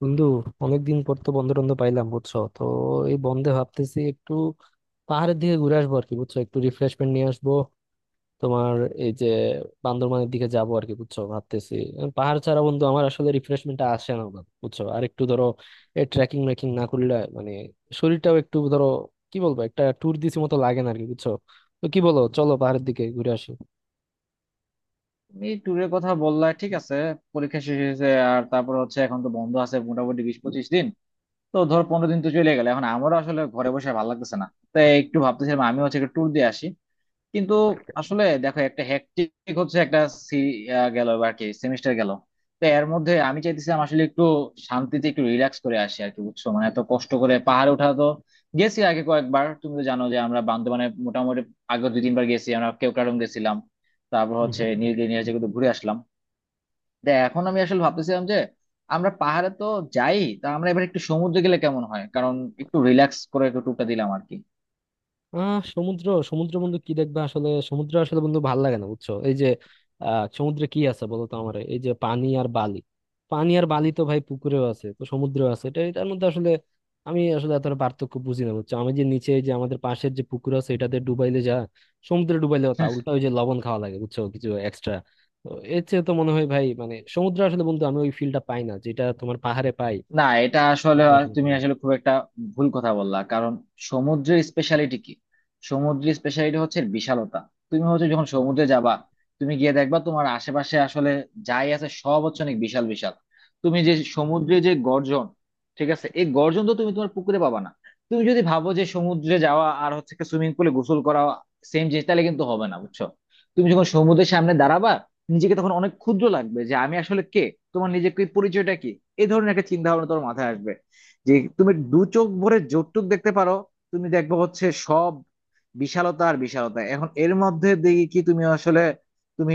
বন্ধু, অনেকদিন পর তো বন্ধ টন্ধ পাইলাম, বুঝছো তো। এই বন্ধে ভাবতেছি একটু পাহাড়ের দিকে ঘুরে আসবো আর কি, বুঝছো, একটু রিফ্রেশমেন্ট নিয়ে আসবো তোমার। এই যে বান্দরবানের দিকে যাবো আর কি, বুঝছো, ভাবতেছি। পাহাড় ছাড়া বন্ধু আমার আসলে রিফ্রেশমেন্ট আসে না বাবা, বুঝছো। আর একটু ধরো ট্রেকিং মেকিং না করলে মানে শরীরটাও একটু ধরো কি বলবো, একটা ট্যুর দিছি মতো লাগে না আর কি, বুঝছো। তো কি বলো, চলো পাহাড়ের দিকে ঘুরে আসি। তুমি ট্যুরের কথা বললা, ঠিক আছে। পরীক্ষা শেষ হয়েছে, আর তারপর হচ্ছে এখন তো বন্ধ আছে মোটামুটি 20-25 দিন। তো ধর 15 দিন তো চলে গেল, এখন আমারও আসলে ঘরে বসে ভালো লাগতেছে না। তাই একটু ভাবতেছিলাম আমি হচ্ছে একটা ট্যুর দিয়ে আসি। কিন্তু আসলে দেখো, একটা হ্যাকটিক হচ্ছে, একটা সি গেল বা আর কি সেমিস্টার গেল। তো এর মধ্যে আমি চাইতেছিলাম আসলে একটু শান্তিতে একটু রিল্যাক্স করে আসি আর কি, বুঝছো। মানে এত কষ্ট করে পাহাড়ে ওঠা, তো গেছি আগে কয়েকবার, তুমি তো জানো যে আমরা বান্দরবানে মোটামুটি আগে 2-3 বার গেছি। আমরা কেওক্রাডং গেছিলাম, তারপর হুম, হচ্ছে হুম। নীলগিরি নীলাচল কিন্তু ঘুরে আসলাম। তো এখন আমি আসলে ভাবতেছিলাম যে আমরা পাহাড়ে তো যাই, তা আমরা এবার একটু সমুদ্রে গেলে কেমন হয়, কারণ একটু রিল্যাক্স করে একটু টুকটা দিলাম আর কি। সমুদ্র সমুদ্র বন্ধু কি দেখবা, আসলে সমুদ্র আসলে বন্ধু ভাল লাগে না, বুঝছো। এই যে সমুদ্রে কি আছে বলো তো আমার, এই যে পানি আর বালি। পানি আর বালি তো ভাই পুকুরেও আছে, তো সমুদ্রেও আছে, এটা এটার মধ্যে আসলে আমি আসলে এতটা পার্থক্য বুঝি না, বুঝছো। আমি যে নিচে এই যে আমাদের পাশের যে পুকুর আছে এটাতে ডুবাইলে যা, সমুদ্রে ডুবাইলেও তা, উল্টা ওই যে লবণ খাওয়া লাগে, বুঝছো, কিছু এক্সট্রা। তো এর চেয়ে তো মনে হয় ভাই, মানে সমুদ্র আসলে বন্ধু আমি ওই ফিলটা পাই না যেটা তোমার পাহাড়ে পাই, না এটা আসলে সমুদ্রে আসলে তুমি পাই না। আসলে খুব একটা ভুল কথা বললা, কারণ সমুদ্রের স্পেশালিটি কি? সমুদ্রের স্পেশালিটি হচ্ছে বিশালতা। তুমি হচ্ছে যখন সমুদ্রে যাবা, তুমি গিয়ে দেখবা তোমার আশেপাশে আসলে যাই আছে সব হচ্ছে অনেক বিশাল বিশাল। তুমি যে সমুদ্রে যে গর্জন, ঠিক আছে, এই গর্জন তো তুমি তোমার পুকুরে পাবা না। তুমি যদি ভাবো যে সমুদ্রে যাওয়া আর হচ্ছে সুইমিং পুলে গোসল করা সেম জিনিস, তাহলে কিন্তু হবে না বুঝছো। তুমি যখন সমুদ্রের সামনে দাঁড়াবা, নিজেকে তখন অনেক ক্ষুদ্র লাগবে, যে আমি আসলে কে, তোমার নিজেকে পরিচয়টা কি, এই ধরনের একটা চিন্তা ভাবনা তোমার মাথায় আসবে। যে তুমি দু চোখ ভরে যতটুক দেখতে পারো, তুমি দেখবে হচ্ছে সব বিশালতা আর বিশালতা। এখন এর মধ্যে দেখি কি, তুমি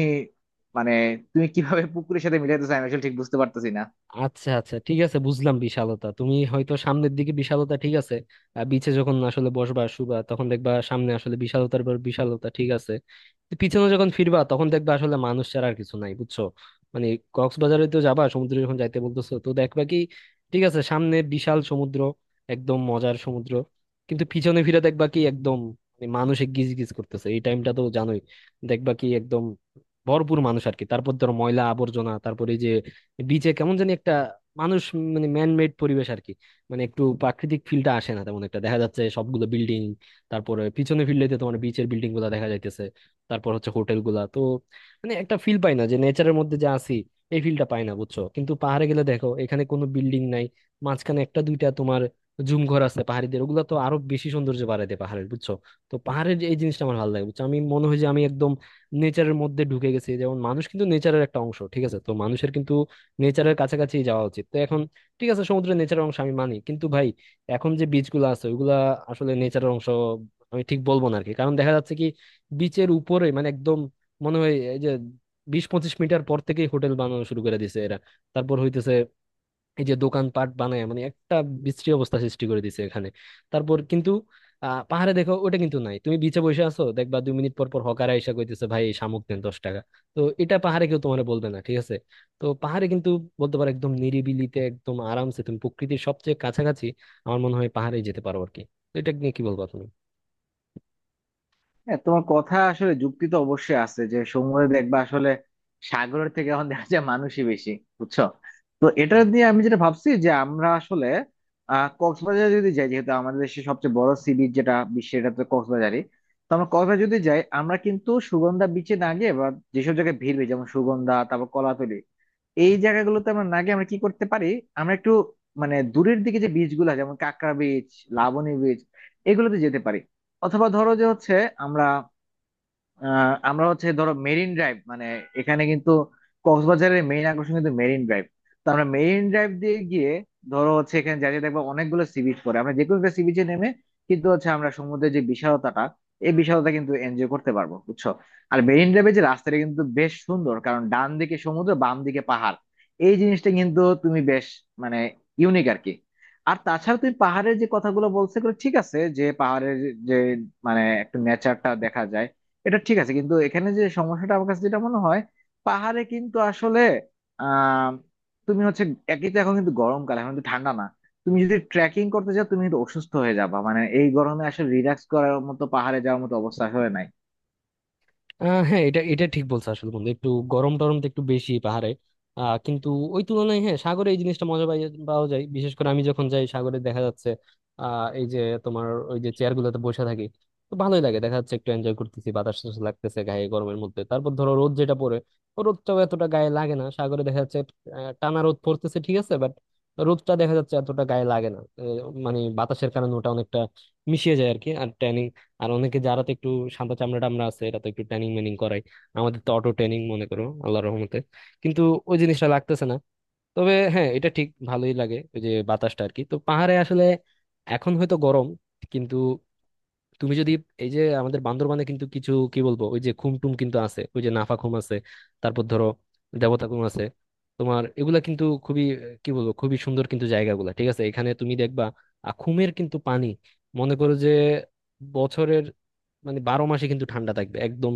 মানে তুমি কিভাবে পুকুরের সাথে মিলাইতেছো আমি আসলে ঠিক বুঝতে পারতেছি না। আচ্ছা আচ্ছা, ঠিক আছে, বুঝলাম বিশালতা। তুমি হয়তো সামনের দিকে বিশালতা, ঠিক আছে। বিচে যখন আসলে বসবা শুবা তখন দেখবা সামনে আসলে বিশালতার পর বিশালতা, ঠিক আছে। তো পিছনে যখন ফিরবা তখন দেখবা আসলে মানুষ ছাড়া আর কিছু নাই, বুঝছো। মানে কক্সবাজারে তো যাবা, সমুদ্রে যখন যাইতে বলতেছো, তো দেখবা কি, ঠিক আছে, সামনে বিশাল সমুদ্র, একদম মজার সমুদ্র, কিন্তু পিছনে ফিরে দেখবা কি একদম মানে মানুষে গিজ গিজ করতেছে, এই টাইমটা তো জানোই। দেখবা কি একদম ভরপুর মানুষ আর কি, তারপর ধরো ময়লা আবর্জনা, তারপরে বিচে কেমন জানি একটা মানুষ, মানে ম্যান মেড পরিবেশ আর কি। মানে একটু প্রাকৃতিক ফিলটা আসে না তেমন একটা, দেখা যাচ্ছে সবগুলো বিল্ডিং। তারপরে পিছনে ফিরলেতে তোমার বিচের বিল্ডিং গুলা দেখা যাইতেছে, তারপর হচ্ছে হোটেল গুলা তো, মানে একটা ফিল পাই না যে নেচারের মধ্যে যে আছি, এই ফিলটা পাই না, বুঝছো। কিন্তু পাহাড়ে গেলে দেখো এখানে কোনো বিল্ডিং নাই, মাঝখানে একটা দুইটা তোমার জুম ঘর আছে পাহাড়িদের, ওগুলা তো আরো বেশি সৌন্দর্য বাড়ায় দেয় পাহাড়ের, বুঝছো। তো পাহাড়ের এই জিনিসটা আমার ভালো লাগে, বুঝছো, আমি মনে হয় যে আমি একদম নেচারের মধ্যে ঢুকে গেছি। যেমন মানুষ কিন্তু নেচারের একটা অংশ, ঠিক আছে, তো মানুষের কিন্তু নেচারের কাছাকাছি যাওয়া উচিত। তো এখন ঠিক আছে, সমুদ্রের নেচারের অংশ আমি মানি, কিন্তু ভাই এখন যে বিচগুলো আছে ওইগুলা আসলে নেচারের অংশ আমি ঠিক বলবো না আরকি, কারণ দেখা যাচ্ছে কি বিচের উপরে মানে একদম মনে হয় এই যে 20-25 মিটার পর থেকেই হোটেল বানানো শুরু করে দিছে এরা। তারপর হইতেছে এই যে দোকানপাট বানায়, মানে একটা বিশ্রী অবস্থা সৃষ্টি করে দিছে এখানে। তারপর কিন্তু পাহাড়ে দেখো ওটা কিন্তু নাই। তুমি বিচে বসে আছো, দেখবা 2 মিনিট পর পর হকার আইসা কইতেছে, ভাই এই শামুক দেন 10 টাকা। তো এটা পাহাড়ে কেউ তোমার বলবে না, ঠিক আছে। তো পাহাড়ে কিন্তু বলতে পারো একদম নিরিবিলিতে একদম আরামসে তুমি প্রকৃতির সবচেয়ে কাছাকাছি। আমার মনে হয় পাহাড়ে যেতে পারো আর কি। তো এটা নিয়ে কি বলবা তুমি? হ্যাঁ, তোমার কথা আসলে, যুক্তি তো অবশ্যই আছে যে সমুদ্রে দেখবা আসলে সাগরের থেকে এখন দেখা যায় মানুষই বেশি, বুঝছো। তো এটা দিয়ে আমি যেটা ভাবছি যে আমরা আসলে কক্সবাজার যদি যাই, যেহেতু আমাদের দেশের সবচেয়ে বড় সি বিচ, যেটা বিশ্বের, এটা তো কক্সবাজারই। তো আমরা কক্সবাজার যদি যাই, আমরা কিন্তু সুগন্ধা বিচে না গিয়ে, বা যেসব জায়গায় ভিড় হয়, যেমন সুগন্ধা, তারপর কলাতলি, এই জায়গাগুলোতে আমরা না গিয়ে আমরা কি করতে পারি, আমরা একটু মানে দূরের দিকে যে বিচ গুলো, যেমন কাঁকড়া বিচ, লাবণী বিচ, এগুলোতে যেতে পারি। অথবা ধরো যে হচ্ছে আমরা আমরা হচ্ছে ধরো মেরিন ড্রাইভ, মানে এখানে কিন্তু কক্সবাজারের মেইন আকর্ষণ কিন্তু মেরিন ড্রাইভ। তো আমরা মেরিন ড্রাইভ দিয়ে গিয়ে, ধরো হচ্ছে এখানে যাতে দেখবো অনেকগুলো সি বিচ পড়ে, আমরা যে কোনো একটা সি বিচে নেমে কিন্তু হচ্ছে আমরা সমুদ্রের যে বিশালতাটা, এই বিশালতা কিন্তু এনজয় করতে পারবো, বুঝছো। আর মেরিন ড্রাইভের যে রাস্তাটা কিন্তু বেশ সুন্দর, কারণ ডান দিকে সমুদ্র বাম দিকে পাহাড়। এই জিনিসটা কিন্তু তুমি বেশ মানে ইউনিক আর কি। আর তাছাড়া তুমি পাহাড়ের যে কথাগুলো বলছো এগুলো ঠিক আছে, যে পাহাড়ের যে মানে একটু নেচারটা দেখা যায়, এটা ঠিক আছে। কিন্তু এখানে যে সমস্যাটা আমার কাছে যেটা মনে হয়, পাহাড়ে কিন্তু আসলে আহ তুমি হচ্ছে একই তো, এখন কিন্তু গরমকাল, এখন কিন্তু ঠান্ডা না। তুমি যদি ট্রেকিং করতে যাও, তুমি কিন্তু অসুস্থ হয়ে যাবা, মানে এই গরমে আসলে রিল্যাক্স করার মতো পাহাড়ে যাওয়ার মতো অবস্থা হয়ে নাই। হ্যাঁ এটা এটা ঠিক বলছো আসলে বন্ধু, একটু গরম টরম তো একটু বেশি পাহাড়ে। কিন্তু ওই তুলনায় হ্যাঁ সাগরে এই জিনিসটা মজা পাওয়া যায়। বিশেষ করে আমি যখন যাই সাগরে দেখা যাচ্ছে এই যে তোমার ওই যে চেয়ার গুলোতে বসে থাকি, তো ভালোই লাগে, দেখা যাচ্ছে একটু এনজয় করতেছি, বাতাস টাতাস লাগতেছে গায়ে গরমের মধ্যে। তারপর ধরো রোদ যেটা পড়ে, ও রোদটাও এতটা গায়ে লাগে না সাগরে, দেখা যাচ্ছে টানা রোদ পড়তেছে ঠিক আছে বাট রোদটা দেখা যাচ্ছে এতটা গায়ে লাগে না, মানে বাতাসের কারণে ওটা অনেকটা মিশিয়ে যায় আর কি। আর ট্যানিং, আর অনেকে যারা তো একটু সাদা চামড়া টামড়া আছে এরা তো একটু ট্রেনিং মেনিং করায়, আমাদের তো অটো ট্রেনিং মনে করো আল্লাহর রহমতে, কিন্তু ওই জিনিসটা লাগতেছে না। তবে হ্যাঁ এটা ঠিক, ভালোই লাগে ওই যে বাতাসটা আর কি। তো পাহাড়ে আসলে এখন হয়তো গরম কিন্তু তুমি যদি এই যে আমাদের বান্দরবানে কিন্তু কিছু কি বলবো ওই যে খুমটুম কিন্তু আছে, ওই যে নাফা খুম আছে, তারপর ধরো দেবতা খুম আছে তোমার, এগুলা কিন্তু খুবই কি বলবো, খুবই সুন্দর কিন্তু জায়গাগুলা, ঠিক আছে। এখানে তুমি দেখবা খুমের কিন্তু পানি মনে করো যে বছরের মানে 12 মাসে কিন্তু ঠান্ডা থাকবে একদম,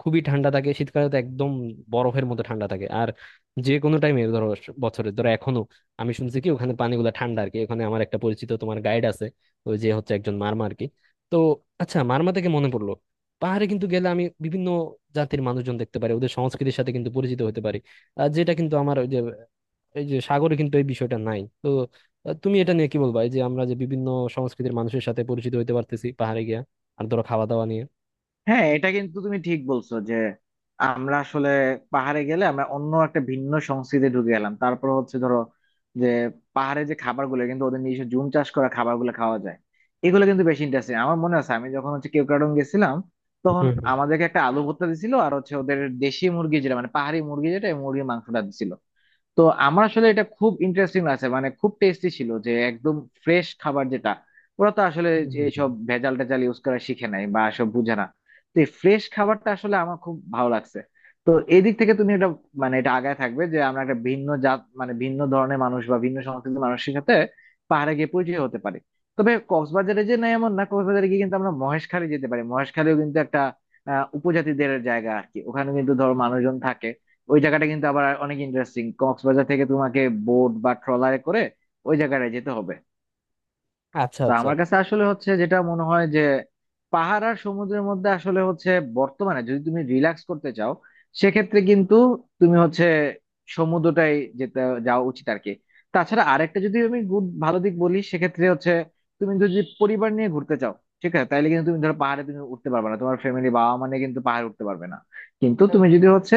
খুবই ঠান্ডা থাকে, শীতকালে তো একদম বরফের মতো ঠান্ডা থাকে। আর যে কোনো টাইমে ধরো বছরে ধরো এখনো আমি শুনছি কি ওখানে পানিগুলো ঠান্ডা আর কি। ওখানে আমার একটা পরিচিত তোমার গাইড আছে, ওই যে হচ্ছে একজন মারমা আর কি। তো আচ্ছা, মারমা থেকে মনে পড়লো, পাহাড়ে কিন্তু গেলে আমি বিভিন্ন জাতির মানুষজন দেখতে পারি, ওদের সংস্কৃতির সাথে কিন্তু পরিচিত হতে পারি। আর যেটা কিন্তু আমার ওই যে এই যে সাগরে কিন্তু এই বিষয়টা নাই তো। তুমি এটা নিয়ে কি বলবা, এই যে আমরা যে বিভিন্ন সংস্কৃতির মানুষের সাথে পরিচিত হতে পারতেছি পাহাড়ে গিয়া। আর ধরো খাওয়া দাওয়া নিয়ে। হ্যাঁ, এটা কিন্তু তুমি ঠিক বলছো, যে আমরা আসলে পাহাড়ে গেলে আমরা অন্য একটা ভিন্ন সংস্কৃতি ঢুকে গেলাম। তারপর হচ্ছে ধরো যে, পাহাড়ে যে খাবারগুলো কিন্তু ওদের নিজস্ব জুম চাষ করা খাবারগুলো খাওয়া যায়, এগুলো কিন্তু বেশি ইন্টারেস্টিং। আমার মনে আছে আমি যখন হচ্ছে কেওক্রাডং গেছিলাম হুম, তখন হুম। আমাদেরকে একটা আলু ভর্তা দিছিল, আর হচ্ছে ওদের দেশি মুরগি, যেটা মানে পাহাড়ি মুরগি, যেটা এই মুরগির মাংসটা দিছিল। তো আমার আসলে এটা খুব ইন্টারেস্টিং আছে, মানে খুব টেস্টি ছিল, যে একদম ফ্রেশ খাবার, যেটা ওরা তো আসলে হুম, হুম, হুম। এইসব ভেজাল টেজাল ইউজ করা শিখে নাই বা সব বুঝে না। তো এই ফ্রেশ খাবারটা আসলে আমার খুব ভালো লাগছে। তো এই দিক থেকে তুমি এটা মানে এটা আগায় থাকবে, যে আমরা একটা ভিন্ন জাত মানে ভিন্ন ধরনের মানুষ বা ভিন্ন সংস্কৃতির মানুষের সাথে পাহাড়ে গিয়ে পরিচয় হতে পারি। তবে কক্সবাজারে যে নাই এমন না, কক্সবাজারে গিয়ে কিন্তু আমরা মহেশখালী যেতে পারি। মহেশখালীও কিন্তু একটা উপজাতিদের জায়গা আর কি, ওখানে কিন্তু ধরো মানুষজন থাকে। ওই জায়গাটা কিন্তু আবার অনেক ইন্টারেস্টিং। কক্সবাজার থেকে তোমাকে বোট বা ট্রলারে করে ওই জায়গাটায় যেতে হবে। আচ্ছা তো আচ্ছা। আমার কাছে আসলে হচ্ছে যেটা মনে হয় যে, পাহাড় আর সমুদ্রের মধ্যে আসলে হচ্ছে, বর্তমানে যদি তুমি রিল্যাক্স করতে চাও, সেক্ষেত্রে কিন্তু তুমি হচ্ছে সমুদ্রটাই যেতে যাওয়া উচিত আর কি। তাছাড়া আরেকটা যদি আমি গুড ভালো দিক বলি, সেক্ষেত্রে হচ্ছে তুমি যদি পরিবার নিয়ে ঘুরতে চাও, ঠিক আছে, তাহলে কিন্তু তুমি ধরো পাহাড়ে তুমি উঠতে পারবে না, তোমার ফ্যামিলি বাবা মানে কিন্তু পাহাড়ে উঠতে পারবে না। কিন্তু তুমি যদি হচ্ছে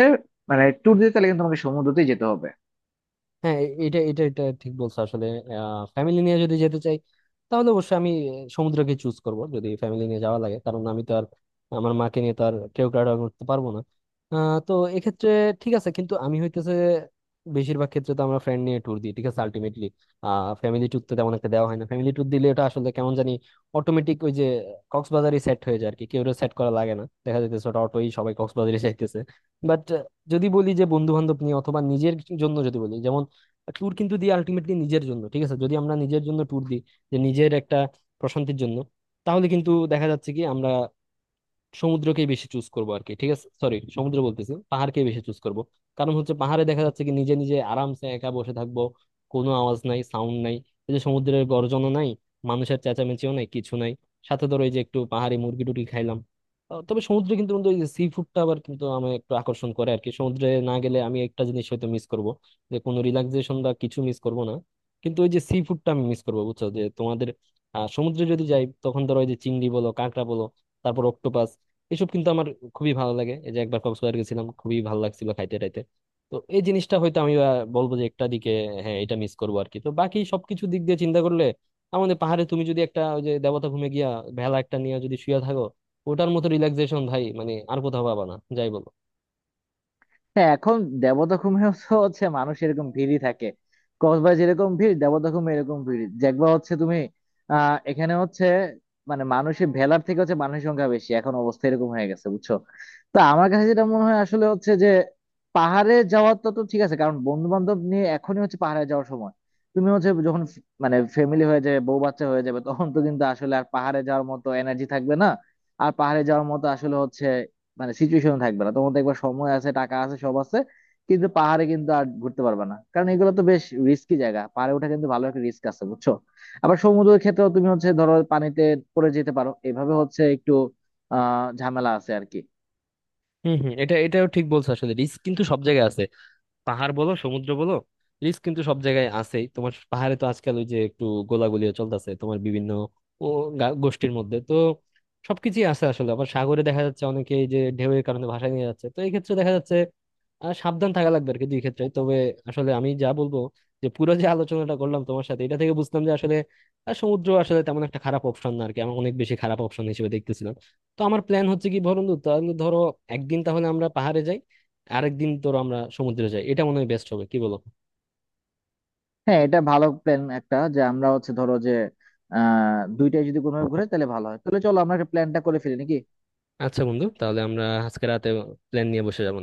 মানে ট্যুর দিতে, তাহলে কিন্তু তোমাকে সমুদ্রতেই যেতে হবে। হ্যাঁ এটা এটা এটা ঠিক বলছো আসলে। ফ্যামিলি নিয়ে যদি যেতে চাই তাহলে অবশ্যই আমি সমুদ্রকে চুজ করব যদি ফ্যামিলি নিয়ে যাওয়া লাগে, কারণ আমি তো আর আমার মাকে নিয়ে তো আর কেওক্রাডা করতে পারবো না। তো এক্ষেত্রে ঠিক আছে। কিন্তু আমি হইতেছে বেশিরভাগ ক্ষেত্রে তো আমরা ফ্রেন্ড নিয়ে ট্যুর দিই, ঠিক আছে, আলটিমেটলি ফ্যামিলি ট্যুর তো তেমন একটা দেওয়া হয় না। ফ্যামিলি ট্যুর দিলে এটা আসলে কেমন জানি অটোমেটিক ওই যে কক্সবাজারই সেট হয়ে যায় আর কি, কেউ সেট করা লাগে না, দেখা যাইতেছে ওটা অটোই সবাই কক্সবাজারে যাইতেছে। বাট যদি বলি যে বন্ধু বান্ধব নিয়ে অথবা নিজের জন্য যদি বলি, ট্যুর কিন্তু দিই আলটিমেটলি নিজের জন্য ঠিক আছে। যদি আমরা নিজের জন্য ট্যুর দিই যে নিজের একটা প্রশান্তির জন্য, তাহলে কিন্তু দেখা যাচ্ছে কি আমরা সমুদ্রকেই বেশি চুজ করবো আর কি, ঠিক আছে সরি সমুদ্র বলতেছি, পাহাড়কেই বেশি চুজ করব। কারণ হচ্ছে পাহাড়ে দেখা যাচ্ছে কি নিজে নিজে আরামসে একা বসে থাকবো, কোনো আওয়াজ নাই সাউন্ড নাই, এই যে সমুদ্রের গর্জনও নাই, মানুষের চেঁচামেচিও নাই, কিছু নাই। সাথে ধরো এই যে একটু পাহাড়ি মুরগি টুরগি খাইলাম। তবে সমুদ্রে কিন্তু বন্ধু ওই যে সি ফুডটা আবার কিন্তু আমার একটু আকর্ষণ করে আর কি, সমুদ্রে না গেলে আমি একটা জিনিস হয়তো মিস করব, যে কোনো রিল্যাক্সেশন বা কিছু মিস করব না, কিন্তু ওই যে সি ফুডটা আমি মিস করবো, বুঝছো, যে তোমাদের সমুদ্রে যদি যাই তখন ধরো ওই যে চিংড়ি বলো, কাঁকড়া বলো, তারপর অক্টোপাস, এসব কিন্তু আমার খুবই ভালো লাগে। এই যে একবার কক্সবাজার গেছিলাম, খুবই ভালো লাগছিল খাইতে টাইতে। তো এই জিনিসটা হয়তো আমি বলবো যে একটা দিকে হ্যাঁ এটা মিস করবো আর কি। তো বাকি সবকিছু দিক দিয়ে চিন্তা করলে আমাদের পাহাড়ে তুমি যদি একটা ওই যে দেবতা ভূমে গিয়া ভেলা একটা নিয়ে যদি শুয়ে থাকো, ওটার মতো রিল্যাক্সেশন ভাই মানে আর কোথাও পাবা না যাই বলো। হ্যাঁ, এখন দেবদখমেও তো হচ্ছে মানুষ এরকম ভিড়ই থাকে। কক্সবাজার যেরকম ভিড়, দেবদখমে এরকম ভিড় দেখবা হচ্ছে তুমি। এখানে হচ্ছে মানে মানুষের ভেলার থেকে হচ্ছে মানুষের সংখ্যা বেশি, এখন অবস্থা এরকম হয়ে গেছে, বুঝছো। তো আমার কাছে যেটা মনে হয় আসলে হচ্ছে যে, পাহাড়ে যাওয়ার তো তো ঠিক আছে, কারণ বন্ধু বান্ধব নিয়ে এখনই হচ্ছে পাহাড়ে যাওয়ার সময়। তুমি হচ্ছে যখন ফ- মানে ফ্যামিলি হয়ে যাবে, বউ বাচ্চা হয়ে যাবে, তখন তো কিন্তু আসলে আর পাহাড়ে যাওয়ার মতো এনার্জি থাকবে না। আর পাহাড়ে যাওয়ার মতো আসলে হচ্ছে মানে সিচুয়েশন থাকবে না তোমার। দেখবা সময় আছে, টাকা আছে, সব আছে, কিন্তু পাহাড়ে কিন্তু আর ঘুরতে পারবে না, কারণ এগুলো তো বেশ রিস্কি জায়গা। পাহাড়ে ওঠা কিন্তু ভালো একটা রিস্ক আছে, বুঝছো। আবার সমুদ্রের ক্ষেত্রেও তুমি হচ্ছে ধরো পানিতে পড়ে যেতে পারো, এভাবে হচ্ছে একটু ঝামেলা আছে আর কি। হম হম, এটা ঠিক বলছো আসলে, রিস্ক কিন্তু সব জায়গায়, পাহাড় বলো সমুদ্র বলো, রিস্ক কিন্তু সব জায়গায় আছেই। তোমার পাহাড়ে তো আজকাল ওই যে একটু গোলাগুলিও চলতেছে তোমার বিভিন্ন ও গোষ্ঠীর মধ্যে তো সবকিছুই আছে আসলে। আবার সাগরে দেখা যাচ্ছে অনেকে এই যে ঢেউয়ের কারণে ভাসায় নিয়ে যাচ্ছে, তো এই ক্ষেত্রে দেখা যাচ্ছে সাবধান থাকা লাগবে আর কি দুই ক্ষেত্রে। তবে আসলে আমি যা বলবো, যে পুরো যে আলোচনাটা করলাম তোমার সাথে এটা থেকে বুঝলাম যে আসলে সমুদ্র আসলে তেমন একটা খারাপ অপশন না আর কি, আমি অনেক বেশি খারাপ অপশন হিসেবে দেখতেছিলাম। তো আমার প্ল্যান হচ্ছে কি বন্ধু, তাহলে ধরো একদিন তাহলে আমরা পাহাড়ে যাই, আরেকদিন ধরো আমরা সমুদ্রে যাই, এটা মনে হয় বেস্ট হবে কি বলো। হ্যাঁ, এটা ভালো প্ল্যান একটা, যে আমরা হচ্ছে ধরো যে আহ দুইটাই যদি কোনোভাবে ঘুরে তাহলে ভালো হয়। তাহলে চলো আমরা একটা প্ল্যানটা করে ফেলি নাকি। আচ্ছা বন্ধু, তাহলে আমরা আজকে রাতে প্ল্যান নিয়ে বসে যাবো।